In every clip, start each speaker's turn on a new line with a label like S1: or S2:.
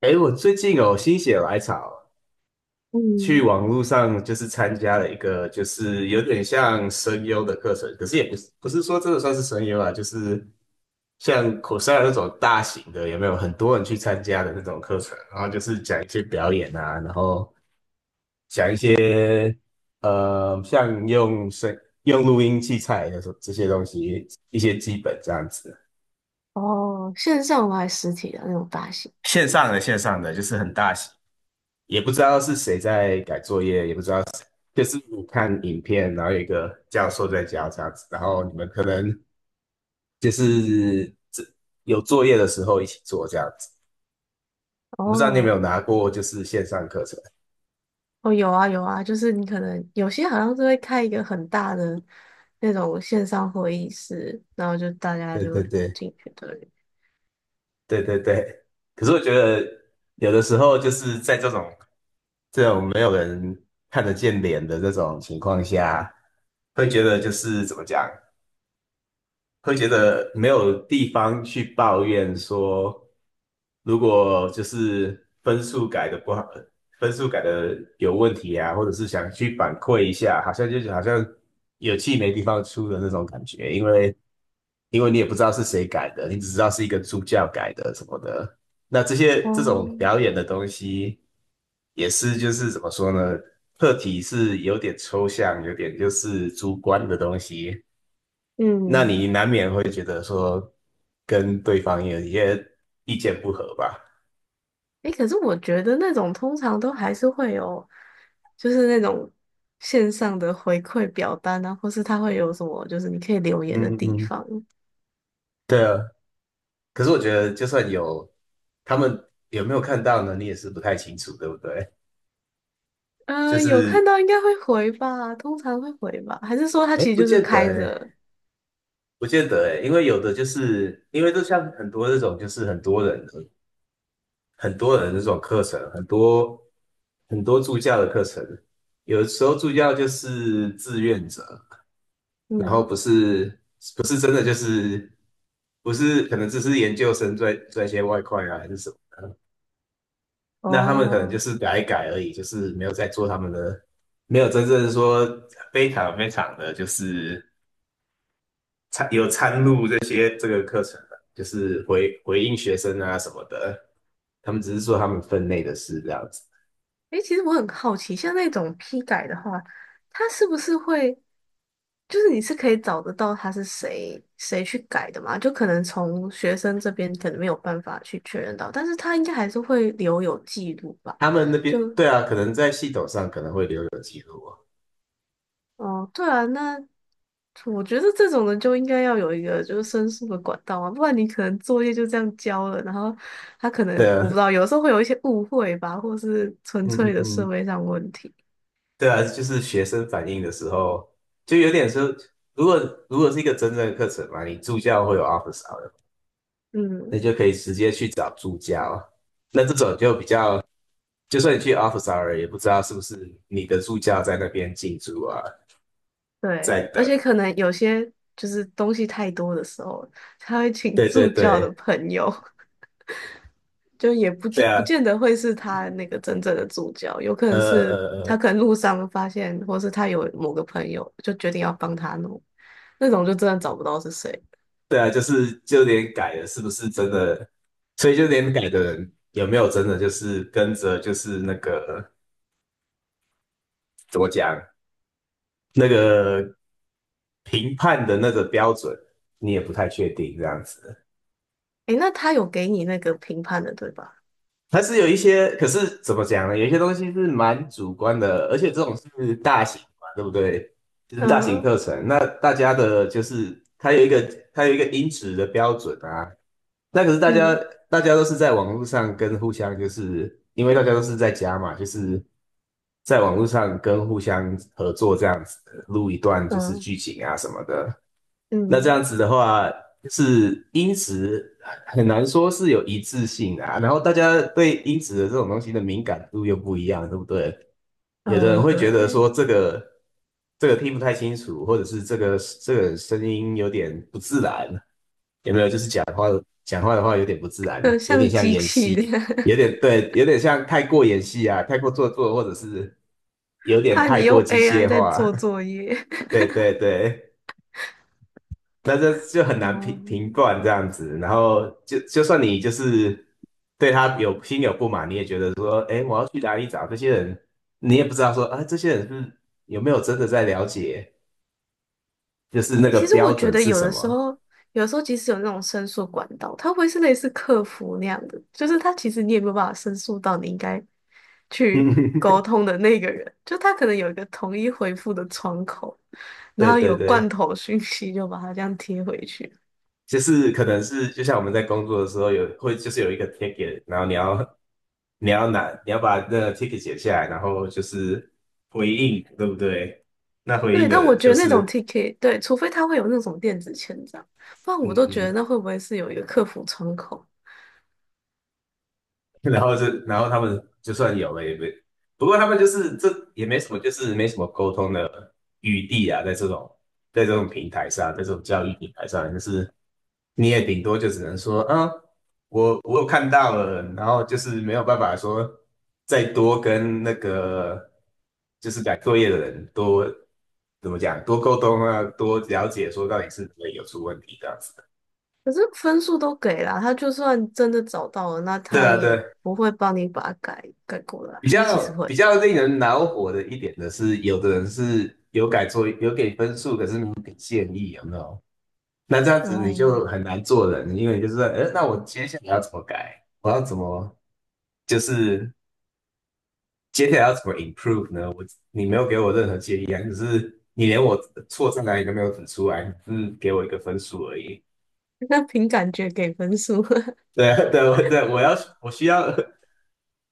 S1: 哎，我最近有心血来潮，去
S2: 嗯。
S1: 网络上就是参加了一个，就是有点像声优的课程，可是也不是说真的算是声优啊，就是像 Coursera 那种大型的，有没有很多人去参加的那种课程？然后就是讲一些表演啊，然后讲一些像用录音器材的这些东西，一些基本这样子。
S2: 哦，线上还是实体的那种发型？
S1: 线上的线上的就是很大型，也不知道是谁在改作业，也不知道谁就是你看影片，然后有一个教授在教这样子，然后你们可能就是这有作业的时候一起做这样子。我不知道你有没
S2: 哦，
S1: 有拿过就是线上课程？
S2: 哦，有啊有啊，就是你可能有些好像是会开一个很大的那种线上会议室，然后就大家
S1: 对
S2: 就
S1: 对对
S2: 进去对。
S1: 对对对。可是我觉得有的时候就是在这种没有人看得见脸的这种情况下，会觉得就是怎么讲，会觉得没有地方去抱怨说，如果就是分数改的不好，分数改的有问题啊，或者是想去反馈一下，好像就是好像有气没地方出的那种感觉，因为你也不知道是谁改的，你只知道是一个助教改的什么的。那这些这
S2: 哦。
S1: 种表演的东西，也是就是怎么说呢？课题是有点抽象，有点就是主观的东西。那你
S2: 嗯，
S1: 难免会觉得说跟对方有一些意见不合吧？
S2: 诶，可是我觉得那种通常都还是会有，就是那种线上的回馈表单啊，或是他会有什么，就是你可以留言的
S1: 嗯嗯
S2: 地
S1: 嗯，
S2: 方。
S1: 对啊，可是我觉得就算有，他们有没有看到呢？你也是不太清楚，对不对？就
S2: 嗯，有看
S1: 是，
S2: 到应该会回吧，通常会回吧，还是说他
S1: 哎，
S2: 其实
S1: 不
S2: 就是
S1: 见得，
S2: 开
S1: 哎，
S2: 着？
S1: 不见得，哎，因为有的就是因为就像很多这种，就是很多人的这种课程，很多很多助教的课程，有时候助教就是志愿者，然后
S2: 嗯。
S1: 不是不是真的就是不是可能只是研究生赚赚一些外快啊还是什么，那他们可能就
S2: 哦。
S1: 是改一改而已，就是没有在做他们的，没有真正说非常非常的就是参有参入这些这个课程的，就是回应学生啊什么的，他们只是做他们分内的事这样子。
S2: 诶，其实我很好奇，像那种批改的话，他是不是会，就是你是可以找得到他是谁谁去改的嘛？就可能从学生这边可能没有办法去确认到，但是他应该还是会留有记录吧？
S1: 他们那边
S2: 就，
S1: 对啊，可能在系统上可能会留有记录啊。
S2: 哦，对啊，那我觉得这种人就应该要有一个就是申诉的管道啊，不然你可能作业就这样交了，然后他可能
S1: 对
S2: 我
S1: 啊，
S2: 不知道，有时候会有一些误会吧，或是纯
S1: 嗯
S2: 粹
S1: 嗯
S2: 的社
S1: 嗯。
S2: 会上问题。
S1: 对啊，就是学生反映的时候，就有点说，如果如果是一个真正的课程嘛，你助教会有 office hour，那
S2: 嗯，
S1: 就可以直接去找助教啊。那这种就比较，就算你去 office hour，也不知道是不是你的助教在那边进驻啊，
S2: 对，
S1: 在等。
S2: 而且可能有些就是东西太多的时候，他会请
S1: 对对
S2: 助教的
S1: 对，
S2: 朋友，就也不
S1: 对
S2: 见
S1: 啊，
S2: 不见得会是他那个真正的助教，有可
S1: 呃
S2: 能是
S1: 呃
S2: 他
S1: 呃，
S2: 可能路上发现，或是他有某个朋友就决定要帮他弄，那种就真的找不到是谁。
S1: 对啊，就是就连改了是不是真的，所以就连改的人有没有真的就是跟着就是那个怎么讲？那个评判的那个标准，你也不太确定这样子。
S2: 诶，那他有给你那个评判的，对吧？
S1: 它是有一些，可是怎么讲呢？有一些东西是蛮主观的，而且这种是大型嘛，对不对？就是大型
S2: 嗯
S1: 课程，那大家的就是它有一个音质的标准啊，那可是
S2: 嗯
S1: 大家都是在网络上跟互相，就是因为大家都是在家嘛，就是在网络上跟互相合作这样子录一段就是
S2: 嗯
S1: 剧情啊什么的。那这
S2: 嗯
S1: 样子的话，是音质很难说是有一致性啊。然后大家对音质的这种东西的敏感度又不一样，对不对？有的人
S2: 嗯，
S1: 会觉得
S2: 对，
S1: 说这个听不太清楚，或者是这个声音有点不自然，有没有？就是讲话的话有点不自
S2: 就
S1: 然，有点
S2: 像
S1: 像
S2: 机
S1: 演
S2: 器的，
S1: 戏，有点对，有点像太过演戏啊，太过做作，或者是有 点
S2: 怕
S1: 太
S2: 你用
S1: 过机
S2: AI
S1: 械
S2: 在
S1: 化。
S2: 做 作业。
S1: 对对对，那这就很 难
S2: 哦，
S1: 评断这样子。然后就算你就是对他有心有不满，你也觉得说，哎，我要去哪里找这些人？你也不知道说，啊，这些人是不是有没有真的在了解，就是那
S2: 欸
S1: 个
S2: 其实我
S1: 标
S2: 觉
S1: 准
S2: 得
S1: 是
S2: 有
S1: 什
S2: 的时
S1: 么？
S2: 候，有的时候即使有那种申诉管道，它会是类似客服那样的，就是它其实你也没有办法申诉到你应该 去
S1: 嗯，
S2: 沟通的那个人，就他可能有一个统一回复的窗口，然
S1: 对
S2: 后
S1: 对
S2: 有罐
S1: 对。
S2: 头讯息就把它这样贴回去。
S1: 就是可能是就像我们在工作的时候有会就是有一个 ticket，然后你要把那个 ticket 写下来，然后就是回应，对不对？那回
S2: 对，
S1: 应的
S2: 但我
S1: 人
S2: 觉
S1: 就
S2: 得那种 t
S1: 是
S2: k 对，除非他会有那种电子签章，不然我
S1: 嗯
S2: 都觉得
S1: 嗯
S2: 那会不会是有一个客服窗口？
S1: 然后是，然后他们就算有了也没，不过他们就是这也没什么，就是没什么沟通的余地啊，在这种平台上，在这种教育平台上，就是你也顶多就只能说，嗯，我有看到了，然后就是没有办法说再多跟那个就是改作业的人多怎么讲，多沟通啊，多了解说到底是哪里有出问题这样子的。
S2: 可是分数都给了，他就算真的找到了，那
S1: 对
S2: 他
S1: 啊，
S2: 也
S1: 对，
S2: 不会帮你把它改改过来，还是其实会？
S1: 比较令人恼火的一点的是，有的人是有改作有给分数，可是没有给建议，有没有？那这样子你
S2: 哦。
S1: 就很难做人，因为你就是说，那我接下来要怎么改？我要怎么就是接下来要怎么 improve 呢？你没有给我任何建议啊，只是你连我错在哪里都没有指出来，只是给我一个分数而已。
S2: 那凭感觉给分数。
S1: 对啊对啊对啊我要我需要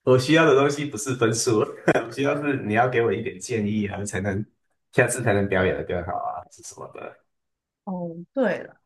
S1: 我需要的东西不是分数，我需要是你要给我一点建议，然后下次才能表演的更好啊，是什么的？
S2: 哦，对了。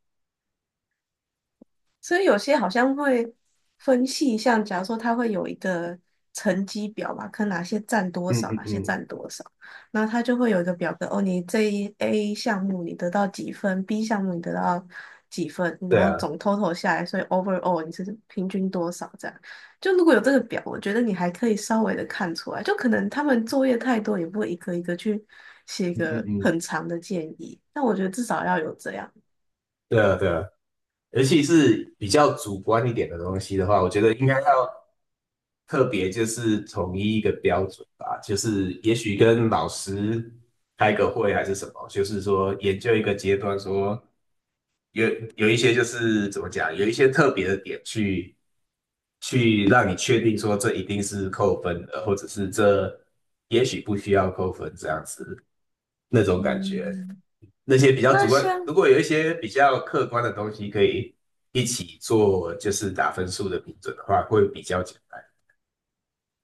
S2: 所以有些好像会分细项，假如说它会有一个成绩表嘛，看哪些占多
S1: 嗯
S2: 少，
S1: 嗯
S2: 哪些
S1: 嗯，
S2: 占多少，然后它就会有一个表格，哦，你这一 A 项目你得到几分，B 项目你得到几分，然
S1: 对
S2: 后
S1: 啊，
S2: 总 total 下来，所以 overall 你是平均多少这样。就如果有这个表，我觉得你还可以稍微的看出来，就可能他们作业太多，也不会一个一个去写一
S1: 嗯嗯
S2: 个
S1: 嗯，
S2: 很长的建议，但我觉得至少要有这样。
S1: 对啊对啊，尤其是比较主观一点的东西的话，我觉得应该要特别就是统一一个标准吧，就是也许跟老师开个会还是什么，就是说研究一个阶段说。有有一些就是怎么讲，有一些特别的点去让你确定说这一定是扣分的，或者是这也许不需要扣分这样子那种感觉。
S2: 嗯。
S1: 那些比较
S2: 那
S1: 主观，
S2: 像
S1: 如果有一些比较客观的东西可以一起做，就是打分数的评准的话，会比较简单，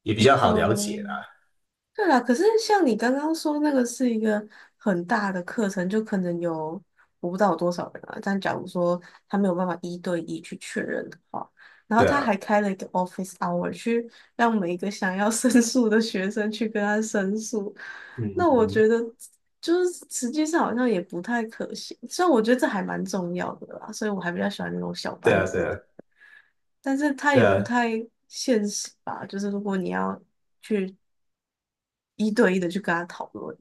S1: 也比较好了解
S2: 哦，
S1: 啦。
S2: 对啦，可是像你刚刚说那个是一个很大的课程，就可能有我不知道有多少人啊。但假如说他没有办法一对一去确认的话，然后
S1: 对
S2: 他
S1: 啊，
S2: 还开了一个 office hour 去让每一个想要申诉的学生去跟他申诉，
S1: 嗯嗯
S2: 那我
S1: 嗯，
S2: 觉得就是实际上好像也不太可行。虽然我觉得这还蛮重要的啦，所以我还比较喜欢那种小
S1: 对
S2: 班
S1: 啊对
S2: 制
S1: 啊
S2: 的。但是它
S1: 对
S2: 也不
S1: 啊
S2: 太现实吧？就是如果你要一对一的去跟他讨论。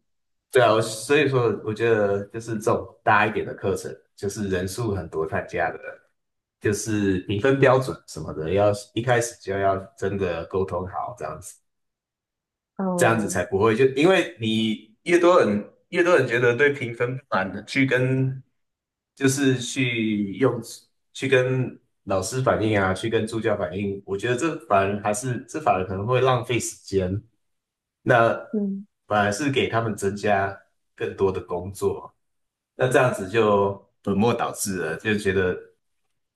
S1: 对啊，我所以说我觉得就是这种大一点的课程，就是人数很多参加的。就是评分标准什么的，要一开始就要真的沟通好，这样子，这样子
S2: 嗯
S1: 才不会就因为你越多人觉得对评分不满的，就是去用去跟老师反映啊，去跟助教反映，我觉得这反而还是这反而可能会浪费时间，那
S2: 嗯
S1: 反而是给他们增加更多的工作。那这样子就本末倒置了，就觉得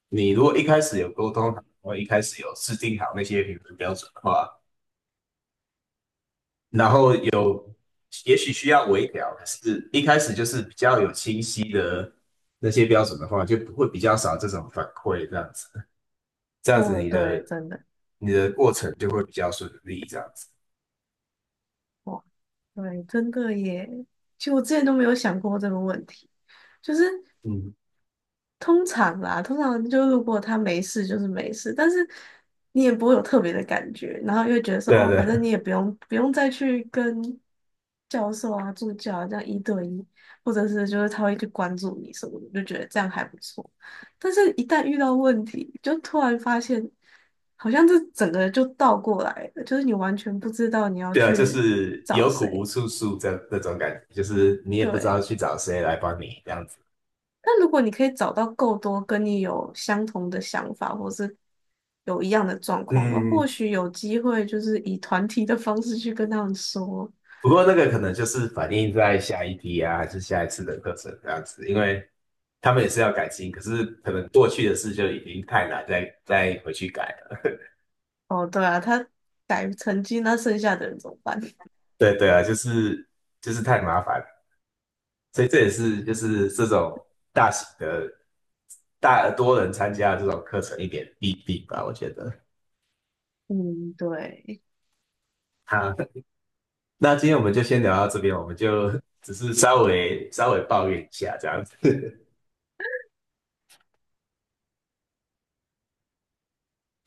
S1: 你如果一开始有沟通好，然后一开始有制定好那些评分标准的话，然后有也许需要微调，可是一开始就是比较有清晰的那些标准的话，就不会比较少这种反馈，这样子，这样子
S2: 哦，对，真的
S1: 你的过程就会比较顺利，这样子。
S2: 哇，对，真的耶。其实我之前都没有想过这个问题，就是
S1: 嗯
S2: 通常啦，通常就如果他没事就是没事，但是你也不会有特别的感觉，然后又觉得 说
S1: 对啊，
S2: 哦，
S1: 对
S2: 反正你
S1: 啊，
S2: 也不用再去跟教授啊、助教啊这样一对一，或者是就是他会去关注你什么的，就觉得这样还不错。但是，一旦遇到问题，就突然发现好像这整个就倒过来了，就是你完全不知道你要
S1: 对啊，就
S2: 去
S1: 是
S2: 找
S1: 有苦无
S2: 谁。
S1: 处诉这种感觉，就是你也不知道
S2: 对，
S1: 去找谁来帮你这样子。
S2: 那如果你可以找到够多跟你有相同的想法，或是有一样的状况那或
S1: 嗯，
S2: 许有机会就是以团体的方式去跟他们说。
S1: 不过那个可能就是反映在下一批啊，还是下一次的课程这样子，因为他们也是要改进，可是可能过去的事就已经太难再回去改了。
S2: 哦，对啊，他改成绩，那剩下的人怎么办？
S1: 对对啊，就是太麻烦了，所以这也是就是这种大型的大多人参加这种课程一点弊病吧，我觉得。
S2: 嗯，对。
S1: 好，那今天我们就先聊到这边，我们就只是稍微稍微抱怨一下这样子。